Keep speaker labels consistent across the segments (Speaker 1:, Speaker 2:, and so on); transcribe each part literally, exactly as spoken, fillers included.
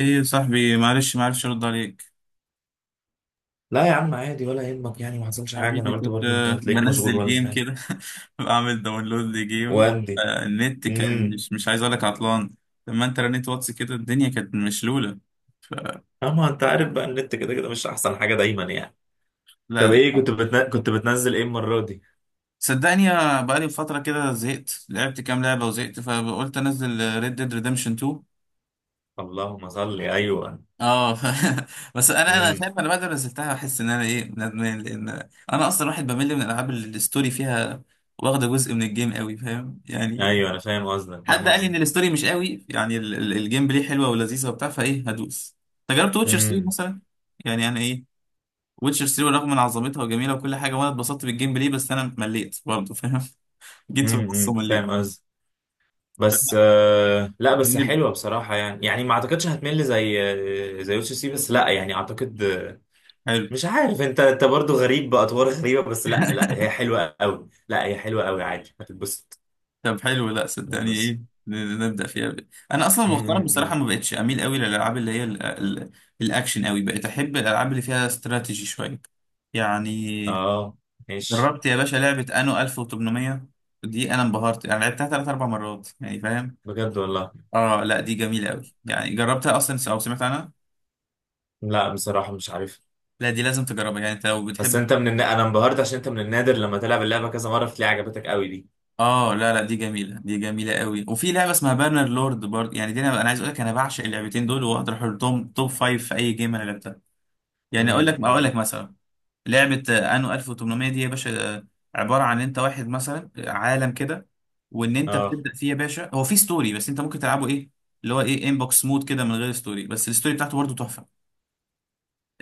Speaker 1: ايه يا صاحبي، معلش معرفش ارد عليك.
Speaker 2: لا يا عم، عادي ولا يهمك، يعني ما حصلش حاجه. انا
Speaker 1: حبيبي
Speaker 2: قلت
Speaker 1: كنت
Speaker 2: برضو انت
Speaker 1: آه،
Speaker 2: هتلاقيك مشغول
Speaker 1: بنزل
Speaker 2: ولا
Speaker 1: جيم
Speaker 2: حاجه.
Speaker 1: كده. بعمل داونلود لجيم.
Speaker 2: واندي.
Speaker 1: آه، النت كان
Speaker 2: امم
Speaker 1: مش مش عايز اقول لك عطلان. لما انت رنيت واتس كده الدنيا كانت مشلولة. ف
Speaker 2: اما انت عارف بقى، النت كده كده مش احسن حاجه دايما يعني. طب
Speaker 1: لا
Speaker 2: ايه كنت بتن... كنت بتنزل ايه المره دي؟
Speaker 1: صدقني يا- بقالي فترة كده زهقت، لعبت كام لعبة وزهقت، فقلت انزل ريد ديد ريدمشن اتنين.
Speaker 2: اللهم صل، ايوه.
Speaker 1: اه. ف... بس انا انا
Speaker 2: امم
Speaker 1: شايف انا بعد ما نزلتها بحس ان انا ايه ندمان، لان انا اصلا واحد بمل من الالعاب اللي الستوري فيها واخده جزء من الجيم قوي، فاهم يعني.
Speaker 2: ايوه انا فاهم قصدك،
Speaker 1: حد
Speaker 2: فاهم
Speaker 1: قال لي ان
Speaker 2: قصدك.
Speaker 1: الستوري مش قوي، يعني ال- ال- الجيم بلاي حلوه ولذيذه وبتاع، فايه هدوس. انت جربت ويتشر ثري
Speaker 2: امم
Speaker 1: مثلا؟ يعني انا ايه، ويتشر تلاتة رغم من عظمتها وجميله وكل حاجه، وانا اتبسطت بالجيم بلاي بس انا مليت برضه فاهم. جيت في النص
Speaker 2: امم
Speaker 1: ومليت.
Speaker 2: فاهم قصدك. بس آه... لا بس
Speaker 1: جميل.
Speaker 2: حلوه بصراحه، يعني يعني ما اعتقدش هتمل زي آه، زي يوسف سي سي. بس لا يعني اعتقد
Speaker 1: حلو.
Speaker 2: مش عارف انت، انت برضو غريب باطوار غريبه، بس لا لا هي حلوه قوي، لا هي حلوه قوي عادي، هتتبسط،
Speaker 1: طب حلو، لا صدقني
Speaker 2: هتتبسط.
Speaker 1: ايه، ن- ن- نبدا فيها. ب- انا اصلا
Speaker 2: م-
Speaker 1: مؤخرا
Speaker 2: م-
Speaker 1: بصراحه
Speaker 2: م.
Speaker 1: ما بقتش اميل قوي للالعاب اللي هي ال- ال- الاكشن قوي. بقيت احب الالعاب اللي فيها استراتيجي شويه يعني.
Speaker 2: اه ماشي.
Speaker 1: جربت يا باشا لعبة انو الف وتمنمية؟ دي انا انبهرت، انا لعبتها ثلاث اربع مرات يعني فاهم.
Speaker 2: بجد والله؟
Speaker 1: اه لا دي جميلة قوي، يعني جربتها اصلا او سمعت عنها؟
Speaker 2: لا بصراحه مش عارف.
Speaker 1: لا دي لازم تجربها يعني انت لو
Speaker 2: بس
Speaker 1: بتحب.
Speaker 2: انت من النا... انا انبهرت عشان انت من النادر لما تلعب اللعبه كذا مره بتلاقي عجبتك قوي دي.
Speaker 1: اه لا لا، دي جميلة، دي جميلة قوي. وفي لعبة اسمها بانر لورد برضه، يعني دي انا انا عايز اقول لك انا بعشق اللعبتين دول، واقدر احطهم توب فايف في اي جيم انا لعبتها.
Speaker 2: م-
Speaker 1: يعني اقول لك، اقول لك
Speaker 2: م.
Speaker 1: مثلا لعبة آه، انو الف وتمنمية دي يا باشا، آه، عبارة عن انت واحد مثلا آه، عالم كده، وان انت
Speaker 2: اه.
Speaker 1: بتبدأ فيه يا باشا. هو في ستوري بس انت ممكن تلعبه ايه اللي هو ايه انبوكس مود كده من غير ستوري، بس الستوري بتاعته برضه تحفة.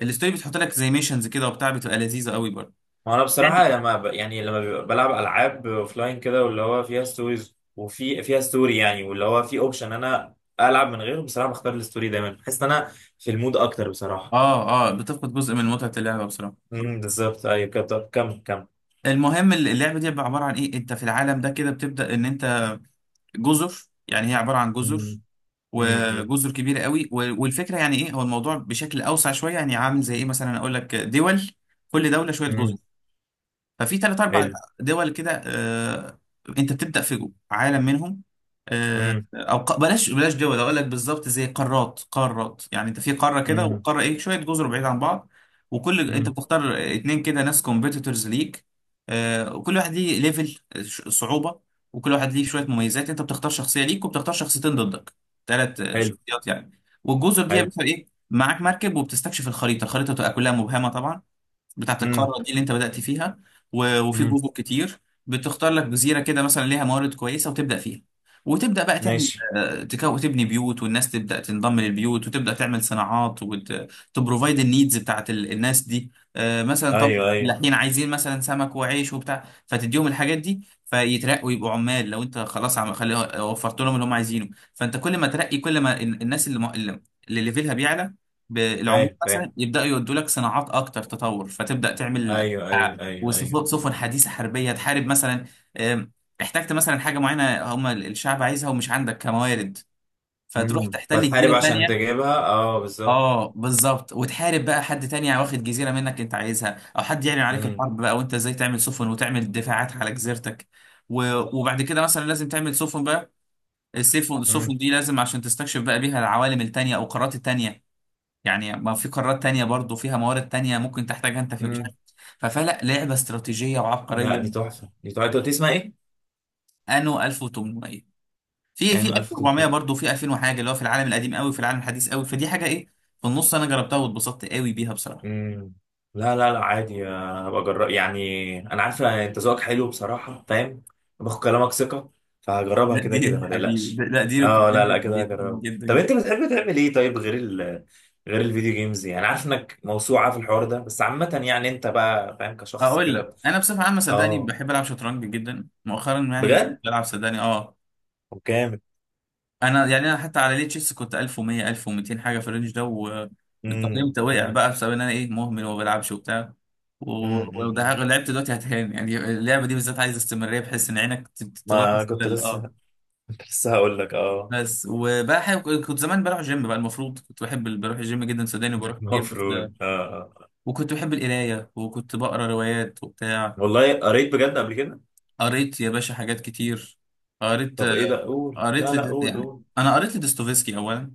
Speaker 1: الستوري بتحط لك زي ميشنز كده وبتاع، بتبقى لذيذة قوي برضه
Speaker 2: وانا بصراحه
Speaker 1: يعني.
Speaker 2: لما ب... يعني لما بيبقى بلعب العاب اوفلاين كده، واللي هو فيها ستوريز وفي فيها ستوري يعني، واللي هو في اوبشن انا العب من غيره، بصراحه بختار الستوري دايما، بحس ان انا في المود اكتر بصراحه.
Speaker 1: اه اه، بتفقد جزء من متعة اللعبة بصراحة.
Speaker 2: امم بالظبط، ايوه كده، طب كمل كمل.
Speaker 1: المهم اللعبة دي عبارة عن ايه، انت في العالم ده كده بتبدأ ان انت جزر، يعني هي عبارة عن جزر،
Speaker 2: امم امم
Speaker 1: وجزر كبيره قوي. و- والفكره يعني ايه، هو الموضوع بشكل اوسع شويه يعني عامل زي ايه مثلا، اقول لك دول كل دوله شويه جزر.
Speaker 2: امم
Speaker 1: ففي ثلاث اربع
Speaker 2: حلو.
Speaker 1: دول كده آه، انت بتبدا في عالم منهم.
Speaker 2: امم
Speaker 1: او ق- بلاش بلاش دول، اقول لك بالظبط زي قارات. قارات يعني انت في قاره كده،
Speaker 2: امم
Speaker 1: وقاره ايه شويه جزر بعيد عن بعض. وكل انت
Speaker 2: امم
Speaker 1: بتختار اتنين كده ناس كومبيتيتورز ليك، آه، وكل واحد ليه ليفل صعوبه، وكل واحد ليه شويه مميزات. انت بتختار شخصيه ليك وبتختار شخصيتين ضدك، ثلاث
Speaker 2: حلو.
Speaker 1: شخصيات يعني. والجزر دي يا
Speaker 2: حلو.
Speaker 1: باشا ايه معاك مركب وبتستكشف الخريطه، الخريطه تبقى كلها مبهمه طبعا، بتاعت
Speaker 2: امم
Speaker 1: القارة دي اللي انت بدأت فيها. و- وفي
Speaker 2: امم
Speaker 1: جزر كتير، بتختار لك جزيرة كده مثلا ليها موارد كويسة وتبدأ فيها. وتبدأ بقى تعمل
Speaker 2: ماشي.
Speaker 1: آه، تكو تبني بيوت، والناس تبدأ تنضم للبيوت، وتبدأ تعمل صناعات، وتبروفايد النيدز بتاعت ال- الناس دي. آه، مثلا طب
Speaker 2: ايوه ايوه.
Speaker 1: الفلاحين عايزين مثلا سمك وعيش وبتاع، فتديهم الحاجات دي فيترقوا يبقوا عمال. لو انت خلاص عم خلي وفرت لهم اللي هم عايزينه، فانت كل ما ترقي كل ما ال- الناس اللي م- اللي اللي ليفلها بيعلى بالعمال
Speaker 2: فاهم فاهم.
Speaker 1: مثلا، يبداوا يودوا لك صناعات اكتر تطور، فتبدا تعمل
Speaker 2: ايوه ايوه
Speaker 1: أسلحة
Speaker 2: ايوه ايوه.
Speaker 1: وسفن، سفن حديثه حربيه تحارب مثلا. آم، احتجت مثلا حاجه معينه هم الشعب عايزها ومش عندك كموارد، فتروح
Speaker 2: امم
Speaker 1: تحتل
Speaker 2: بتحارب
Speaker 1: جزيره
Speaker 2: عشان
Speaker 1: تانية.
Speaker 2: تجيبها، اه بالظبط.
Speaker 1: اه بالظبط، وتحارب بقى حد تاني واخد جزيره منك انت عايزها، او حد يعلن عليك
Speaker 2: امم
Speaker 1: الحرب بقى، وانت ازاي تعمل سفن وتعمل دفاعات على جزيرتك. و- وبعد كده مثلا لازم تعمل سفن بقى. السفن،
Speaker 2: امم
Speaker 1: السفن دي لازم عشان تستكشف بقى بيها العوالم التانية او القارات التانية. يعني ما في قارات تانية برضو فيها موارد تانية ممكن تحتاجها انت، في مش
Speaker 2: امم
Speaker 1: عارف. ففلا لعبة استراتيجية
Speaker 2: لا
Speaker 1: وعبقرية.
Speaker 2: دي تحفه، دي تحفه. انت قلت لي اسمها ايه؟
Speaker 1: انو الف وتمنمية، في في
Speaker 2: يعني ألف؟
Speaker 1: الف واربعمية برضو، في الفين وحاجة، اللي هو في العالم القديم قوي، في العالم الحديث قوي، فدي حاجة ايه في النص. انا جربتها واتبسطت قوي بيها بصراحة.
Speaker 2: مم. لا لا لا عادي، انا هبقى اجرب، يعني انا عارف انت ذوقك حلو بصراحه، فاهم؟ باخد كلامك ثقه، فهجربها
Speaker 1: لا
Speaker 2: كده كده
Speaker 1: دي
Speaker 2: ما
Speaker 1: حبيبي ده-
Speaker 2: تقلقش.
Speaker 1: لا دي
Speaker 2: اه لا لا
Speaker 1: ريكومندد
Speaker 2: كده
Speaker 1: جدا
Speaker 2: هجربها.
Speaker 1: جدا
Speaker 2: طب
Speaker 1: جدا.
Speaker 2: انت بتحب تعمل ايه طيب، غير ال غير الفيديو جيمز، يعني عارف انك موسوعه في الحوار ده، بس عامه يعني انت بقى فاهم، كشخص
Speaker 1: هقول لك،
Speaker 2: كده.
Speaker 1: انا بصفة عامة صدقني
Speaker 2: اه.
Speaker 1: بحب العب شطرنج جدا مؤخرا يعني،
Speaker 2: بجد؟
Speaker 1: بلعب صدقني اه.
Speaker 2: وكامل.
Speaker 1: انا يعني انا حتى على ليه تشيس كنت الف ومية الف ومتين حاجه في الرينج ده والتقييم
Speaker 2: امم
Speaker 1: ده، وقع
Speaker 2: امم
Speaker 1: بقى بسبب ان انا ايه مهمل وما بلعبش وبتاع. و- ولو ده
Speaker 2: امم
Speaker 1: لعبت دلوقتي هتهان، يعني اللعبه دي بالذات عايزه استمراريه بحيث ان عينك ت- ت-
Speaker 2: ما
Speaker 1: تلاحظ كده
Speaker 2: كنت
Speaker 1: اللي- اه.
Speaker 2: لسه، كنت لسه هقول لك اه.
Speaker 1: بس وبقى حاجة كنت زمان بروح جيم بقى المفروض، كنت بحب ال- بروح الجيم جدا صدقني وبروح كتير بس.
Speaker 2: المفروض، اه آه.
Speaker 1: وكنت بحب القرايه وكنت بقرا روايات وبتاع.
Speaker 2: والله قريت بجد قبل كده؟
Speaker 1: قريت يا باشا حاجات كتير. قريت،
Speaker 2: طب ايه ده، قول، لا
Speaker 1: قريت
Speaker 2: لا
Speaker 1: لد-
Speaker 2: قول
Speaker 1: يعني
Speaker 2: قول.
Speaker 1: انا قريت لدوستويفسكي اولا.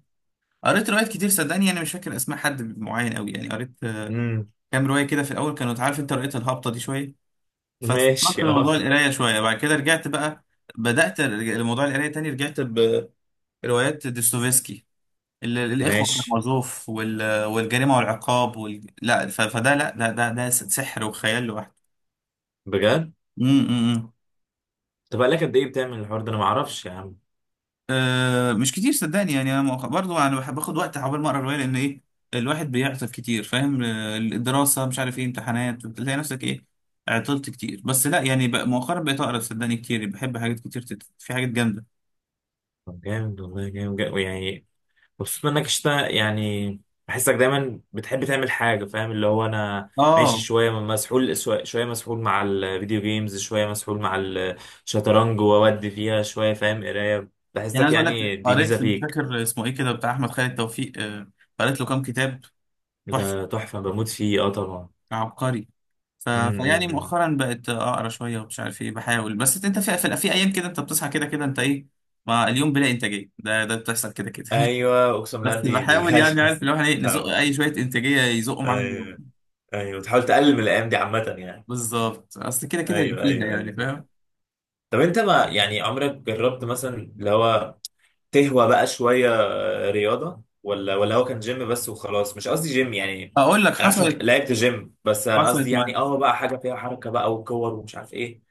Speaker 1: قريت روايات كتير صدقني، انا مش فاكر اسماء حد معين قوي يعني. قريت آه،
Speaker 2: امم
Speaker 1: كام روايه كده في الاول كانوا عارف انت رؤيه الهابطه دي شويه، فاتفكرت في
Speaker 2: ماشي اه.
Speaker 1: موضوع القرايه شويه. بعد كده رجعت بقى، بدات ارجع لموضوع القرايه تاني. رجعت بروايات دوستويفسكي، ال- الاخوه
Speaker 2: ماشي.
Speaker 1: كارامازوف، وال- والجريمه والعقاب، وال... لا ف- فده، لا ده ده ده سحر وخيال لوحده.
Speaker 2: بجد؟
Speaker 1: امم امم، امم.
Speaker 2: طب بقالك قد ايه بتعمل الحوار ده؟ انا ما اعرفش يا عم.
Speaker 1: أه مش كتير صدقني يعني. انا مؤخ- برضو انا بحب اخد وقت عقبال ما اقرا روايه، لان ايه الواحد بيعطل كتير فاهم. آه، الدراسه مش عارف ايه امتحانات، بتلاقي نفسك ايه عطلت كتير. بس لا يعني بقى مؤخرا بقيت اقرا صدقني كتير، بحب حاجات كتير تت... في حاجات جامده.
Speaker 2: طب جامد والله، جامد جامد يعني. مبسوط منك اشتا يعني. بحسك دايما بتحب تعمل حاجه، فاهم؟ اللي هو انا ماشي
Speaker 1: اه
Speaker 2: شويه مسحول شويه، شوية مسحول مع الفيديو جيمز، شويه مسحول مع الشطرنج واودي فيها شويه، فاهم؟ قرايه.
Speaker 1: يعني
Speaker 2: بحسك،
Speaker 1: عايز اقول لك
Speaker 2: يعني دي ميزه
Speaker 1: قريت مش
Speaker 2: فيك.
Speaker 1: فاكر اسمه ايه كده، بتاع احمد خالد توفيق، آه، قريت له كام كتاب. تحفه.
Speaker 2: ده تحفه، بموت فيه، اه طبعا.
Speaker 1: عبقري. ف... فيعني
Speaker 2: امم
Speaker 1: مؤخرا بقت اقرا شويه ومش عارف ايه، بحاول. بس انت في في, في ايام كده انت بتصحى كده كده انت ايه، ما اليوم بلا انتاجيه، ده ده بتحصل كده كده.
Speaker 2: ايوه اقسم
Speaker 1: بس
Speaker 2: بالله، دي دي
Speaker 1: بحاول، يعني
Speaker 2: ايوه.
Speaker 1: عارف اللي هو احنا ايه نزق
Speaker 2: طبعا.
Speaker 1: اي شويه انتاجيه يزقوا معانا اليوم.
Speaker 2: ايوه. ايوه تحاول تقلل من الايام دي عامه يعني.
Speaker 1: بالظبط، اصل كده كده يبقى
Speaker 2: ايوه
Speaker 1: فيها
Speaker 2: ايوه
Speaker 1: يعني
Speaker 2: ايوه.
Speaker 1: فاهم.
Speaker 2: طب انت ما يعني عمرك جربت مثلا اللي هو تهوى بقى شويه رياضه، ولا ولا هو كان جيم بس وخلاص؟ مش قصدي جيم يعني،
Speaker 1: اقول لك
Speaker 2: انا عارف إنك
Speaker 1: حصلت،
Speaker 2: لعبت جيم، بس انا
Speaker 1: حصلت.
Speaker 2: قصدي يعني اه بقى حاجه فيها حركه بقى وكور ومش عارف ايه.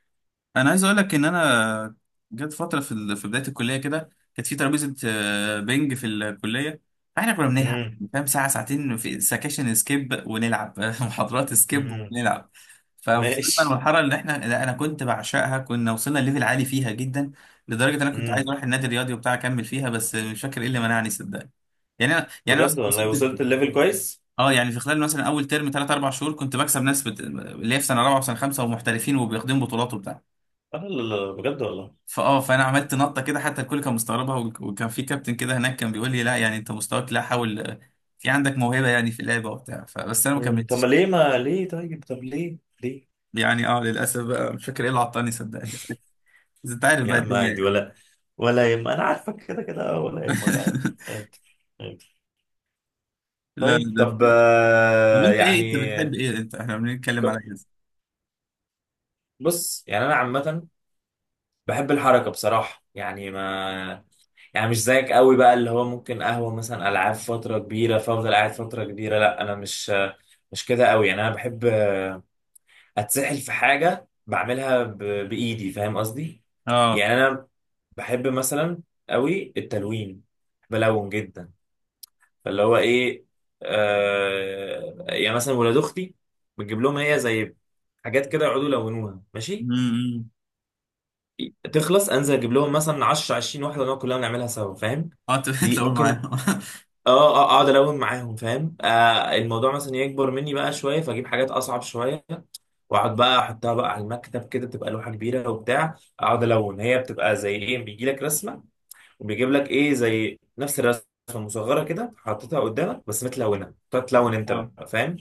Speaker 1: انا عايز اقول لك ان انا جت فتره في ال- في بدايه الكليه كده، كانت في ترابيزه آه، بينج في الكليه، فاحنا كنا بنلعب
Speaker 2: امم
Speaker 1: فاهم ساعه ساعتين. في سكاشن سكيب ونلعب، محاضرات سكيب
Speaker 2: امم
Speaker 1: ونلعب. فوصلنا
Speaker 2: ماشي.
Speaker 1: للمرحله اللي احنا، لا انا كنت بعشقها، كنا وصلنا ليفل عالي فيها جدا، لدرجه ان انا كنت عايز
Speaker 2: امم
Speaker 1: اروح النادي الرياضي وبتاع اكمل فيها، بس مش فاكر ايه اللي منعني صدقني. يعني انا يعني
Speaker 2: بجد
Speaker 1: مثلا
Speaker 2: والله؟
Speaker 1: وصلت في
Speaker 2: وصلت الليفل كويس.
Speaker 1: اه، يعني في خلال مثلا اول ترم ثلاث اربع شهور كنت بكسب ناس بت... اللي هي في سنه رابعه وسنه خمسه ومحترفين وبيخدموا بطولات وبتاع.
Speaker 2: اه لا لا لا، بجد والله.
Speaker 1: فاه فانا عملت نطه كده حتى الكل كان مستغربها، وك- وكان في كابتن كده هناك كان بيقول لي لا، يعني انت مستواك لا حاول، آه، في عندك موهبه يعني في اللعبه وبتاع، فبس انا ما
Speaker 2: امم طب ما
Speaker 1: كملتش.
Speaker 2: ليه، ما ليه طيب، طب ليه ليه؟
Speaker 1: يعني اه للاسف بقى مش فاكر ايه اللي عطاني صدقني، بس بس انت عارف
Speaker 2: يا
Speaker 1: بقى
Speaker 2: عم
Speaker 1: الدنيا
Speaker 2: عادي،
Speaker 1: يعني.
Speaker 2: ولا ولا يهم، انا عارفك كده كده ولا يهمك، عادي. عادي. عادي.
Speaker 1: لا
Speaker 2: طيب،
Speaker 1: لا ده
Speaker 2: طب
Speaker 1: في- طب
Speaker 2: آه،
Speaker 1: انت ايه،
Speaker 2: يعني
Speaker 1: انت بتحب ايه، انت احنا بنتكلم على
Speaker 2: ك-
Speaker 1: ايه؟
Speaker 2: بص يعني انا عامة بحب الحركة بصراحة، يعني ما يعني مش زيك قوي بقى اللي هو ممكن قهوة مثلا العاب فترة كبيرة فافضل قاعد فترة كبيرة، لا انا مش، مش كده قوي يعني. انا بحب اتسحل في حاجة بعملها ب... بايدي، فاهم قصدي؟
Speaker 1: اه.
Speaker 2: يعني انا بحب مثلا قوي التلوين، بلون جدا، فاللي هو ايه، آه يعني مثلا ولاد اختي بتجيب لهم هي زي حاجات كده يقعدوا يلونوها ماشي،
Speaker 1: امم.
Speaker 2: تخلص انزل اجيب لهم مثلا عشرة عشرين واحده نقعد كلها نعملها سوا، فاهم؟
Speaker 1: اه انت
Speaker 2: دي
Speaker 1: بتلاقوا
Speaker 2: ممكن،
Speaker 1: معايا.
Speaker 2: اه اه، اقعد الون معاهم، فاهم؟ آه الموضوع مثلا يكبر مني بقى شويه، فاجيب حاجات اصعب شويه واقعد بقى احطها بقى على المكتب كده، تبقى لوحه كبيره وبتاع، اقعد الون. هي بتبقى زي ايه، بيجي لك رسمه وبيجيب لك ايه زي نفس الرسمه مصغره كده حاططها قدامك بس متلونه، تقعد تلون انت
Speaker 1: اه
Speaker 2: بقى، فاهم؟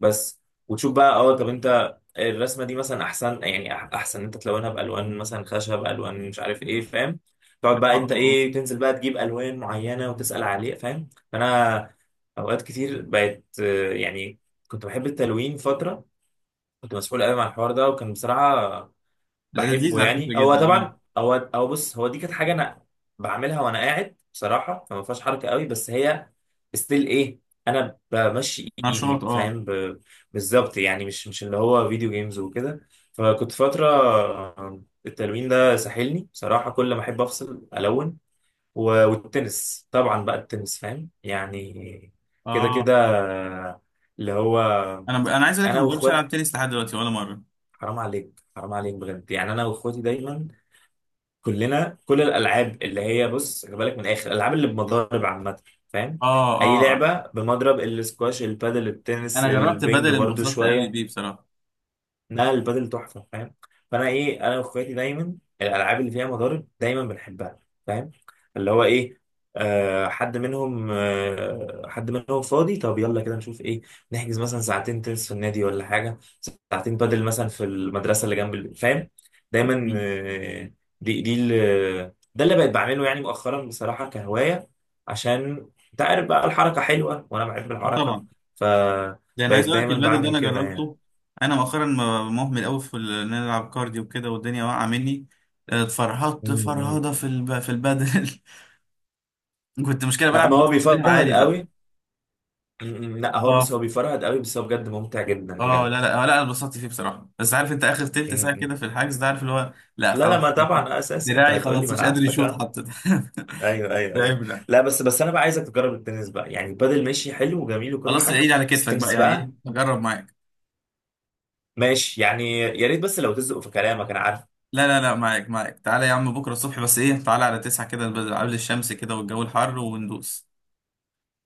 Speaker 2: بس وتشوف بقى، اه طب انت الرسمه دي مثلا احسن يعني، أح- احسن انت تلونها بالوان مثلا خشب، الوان مش عارف ايه، فاهم؟ تقعد بقى
Speaker 1: اه
Speaker 2: انت
Speaker 1: اه آه.
Speaker 2: ايه تنزل بقى تجيب الوان معينه وتسال عليه، فاهم؟ فانا اوقات كتير بقت آه، يعني، كنت بحب التلوين فتره، كنت مسحول قوي مع الحوار ده وكان بصراحه
Speaker 1: لا،
Speaker 2: بحبه
Speaker 1: لذيذ على
Speaker 2: يعني.
Speaker 1: فكره
Speaker 2: هو
Speaker 1: جدا اه.
Speaker 2: طبعا، هو هو بص هو دي كانت حاجه انا بعملها وانا قاعد بصراحه، فما فيهاش حركه قوي، بس هي ستيل ايه، انا بمشي
Speaker 1: نشاط
Speaker 2: ايدي،
Speaker 1: اه.
Speaker 2: فاهم؟ ب- بالظبط يعني، مش مش اللي هو فيديو جيمز وكده. فكنت فتره آه، التلوين ده ساحلني بصراحه، كل ما احب افصل الون. و- والتنس طبعا بقى، التنس فاهم يعني، كده كده،
Speaker 1: اه
Speaker 2: آه، اللي هو
Speaker 1: انا ب... انا عايز اقول لك
Speaker 2: انا
Speaker 1: انا ما جربتش العب
Speaker 2: واخواتي،
Speaker 1: تنس لحد دلوقتي ولا مره.
Speaker 2: حرام عليك، حرام عليك بجد يعني. انا واخواتي دايما كلنا كل الالعاب اللي هي، بص خلي بالك من الاخر، الالعاب اللي بمضارب عامه، فاهم؟
Speaker 1: اه
Speaker 2: اي
Speaker 1: اه،
Speaker 2: لعبه بمضرب، السكواش، البادل، التنس،
Speaker 1: انا جربت
Speaker 2: البنج
Speaker 1: بدل
Speaker 2: برضو
Speaker 1: انبسطت قوي
Speaker 2: شويه.
Speaker 1: بيه بصراحه.
Speaker 2: لا البادل تحفه، فاهم؟ فانا ايه، انا واخواتي دايما الالعاب اللي فيها مضارب دايما بنحبها، فاهم؟ اللي هو ايه، آه حد منهم، آه حد منهم فاضي، طب يلا كده نشوف ايه، نحجز مثلا ساعتين تنس في النادي ولا حاجه، ساعتين بدل مثلا في المدرسه اللي جنب البيت، فاهم؟ دايما
Speaker 1: مم.
Speaker 2: آه، دي دي ال- ده اللي بقيت بعمله يعني مؤخرا بصراحه، كهوايه، عشان انت عارف بقى الحركه حلوه وانا بحب
Speaker 1: اه
Speaker 2: الحركه،
Speaker 1: طبعا. لان
Speaker 2: فبقيت
Speaker 1: عايز اقول لك
Speaker 2: دايما
Speaker 1: البدل ده
Speaker 2: بعمل
Speaker 1: انا
Speaker 2: كده يعني.
Speaker 1: جربته، انا مؤخرا م- مهمل قوي في ال- ان انا العب كارديو وكده، والدنيا واقعه مني. آه، اتفرهدت
Speaker 2: مم.
Speaker 1: فرهده في الب... في البدل. كنت مشكله
Speaker 2: لا
Speaker 1: بلعب
Speaker 2: ما
Speaker 1: مع
Speaker 2: هو
Speaker 1: ناس كتير
Speaker 2: بيفرهد
Speaker 1: عالي بقى.
Speaker 2: قوي. مم. لا هو بس
Speaker 1: اه
Speaker 2: هو بيفرهد قوي، بس هو بجد ممتع جدا
Speaker 1: اه،
Speaker 2: بجد.
Speaker 1: لا لا آه، لا انا اتبسطت فيه بصراحه، بس عارف انت اخر تلت ساعه
Speaker 2: مم.
Speaker 1: كده في الحجز ده، عارف اللي هو لا
Speaker 2: لا لا
Speaker 1: خلاص.
Speaker 2: ما طبعا، آه، اساسي، انت
Speaker 1: دراعي
Speaker 2: هتقولي
Speaker 1: خلاص
Speaker 2: ما انا
Speaker 1: مش قادر
Speaker 2: عارفك،
Speaker 1: يشوط
Speaker 2: اه.
Speaker 1: حتى.
Speaker 2: ايوه ايوه
Speaker 1: ده
Speaker 2: ايوه.
Speaker 1: عيب، لا.
Speaker 2: لا بس بس انا بقى عايزك تجرب التنس بقى، يعني البادل ماشي، حلو وجميل وكل
Speaker 1: خلاص
Speaker 2: حاجه،
Speaker 1: عيد على
Speaker 2: بس
Speaker 1: كتفك بقى،
Speaker 2: التنس
Speaker 1: يعني
Speaker 2: بقى.
Speaker 1: ايه جرب معايا.
Speaker 2: ماشي يعني يا ريت، بس لو تزقوا في كلامك، انا عارف.
Speaker 1: لا لا لا، معاك معاك، تعالى يا عم بكرة الصبح بس ايه، تعالى على تسعة كده، بس- قبل الشمس كده والجو الحر وندوس.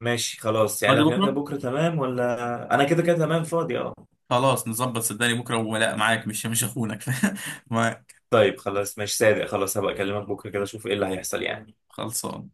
Speaker 2: ماشي خلاص، يعني
Speaker 1: فاضي
Speaker 2: لو كلمتك
Speaker 1: بكرة.
Speaker 2: بكره تمام، ولا انا كده كده تمام فاضي، اه.
Speaker 1: خلاص نظبط صدقني بكرة، ولا معاك مش مش اخونك. معاك.
Speaker 2: طيب خلاص ماشي صادق، خلاص هبقى اكلمك بكره كده اشوف ايه اللي هيحصل يعني.
Speaker 1: خلصان.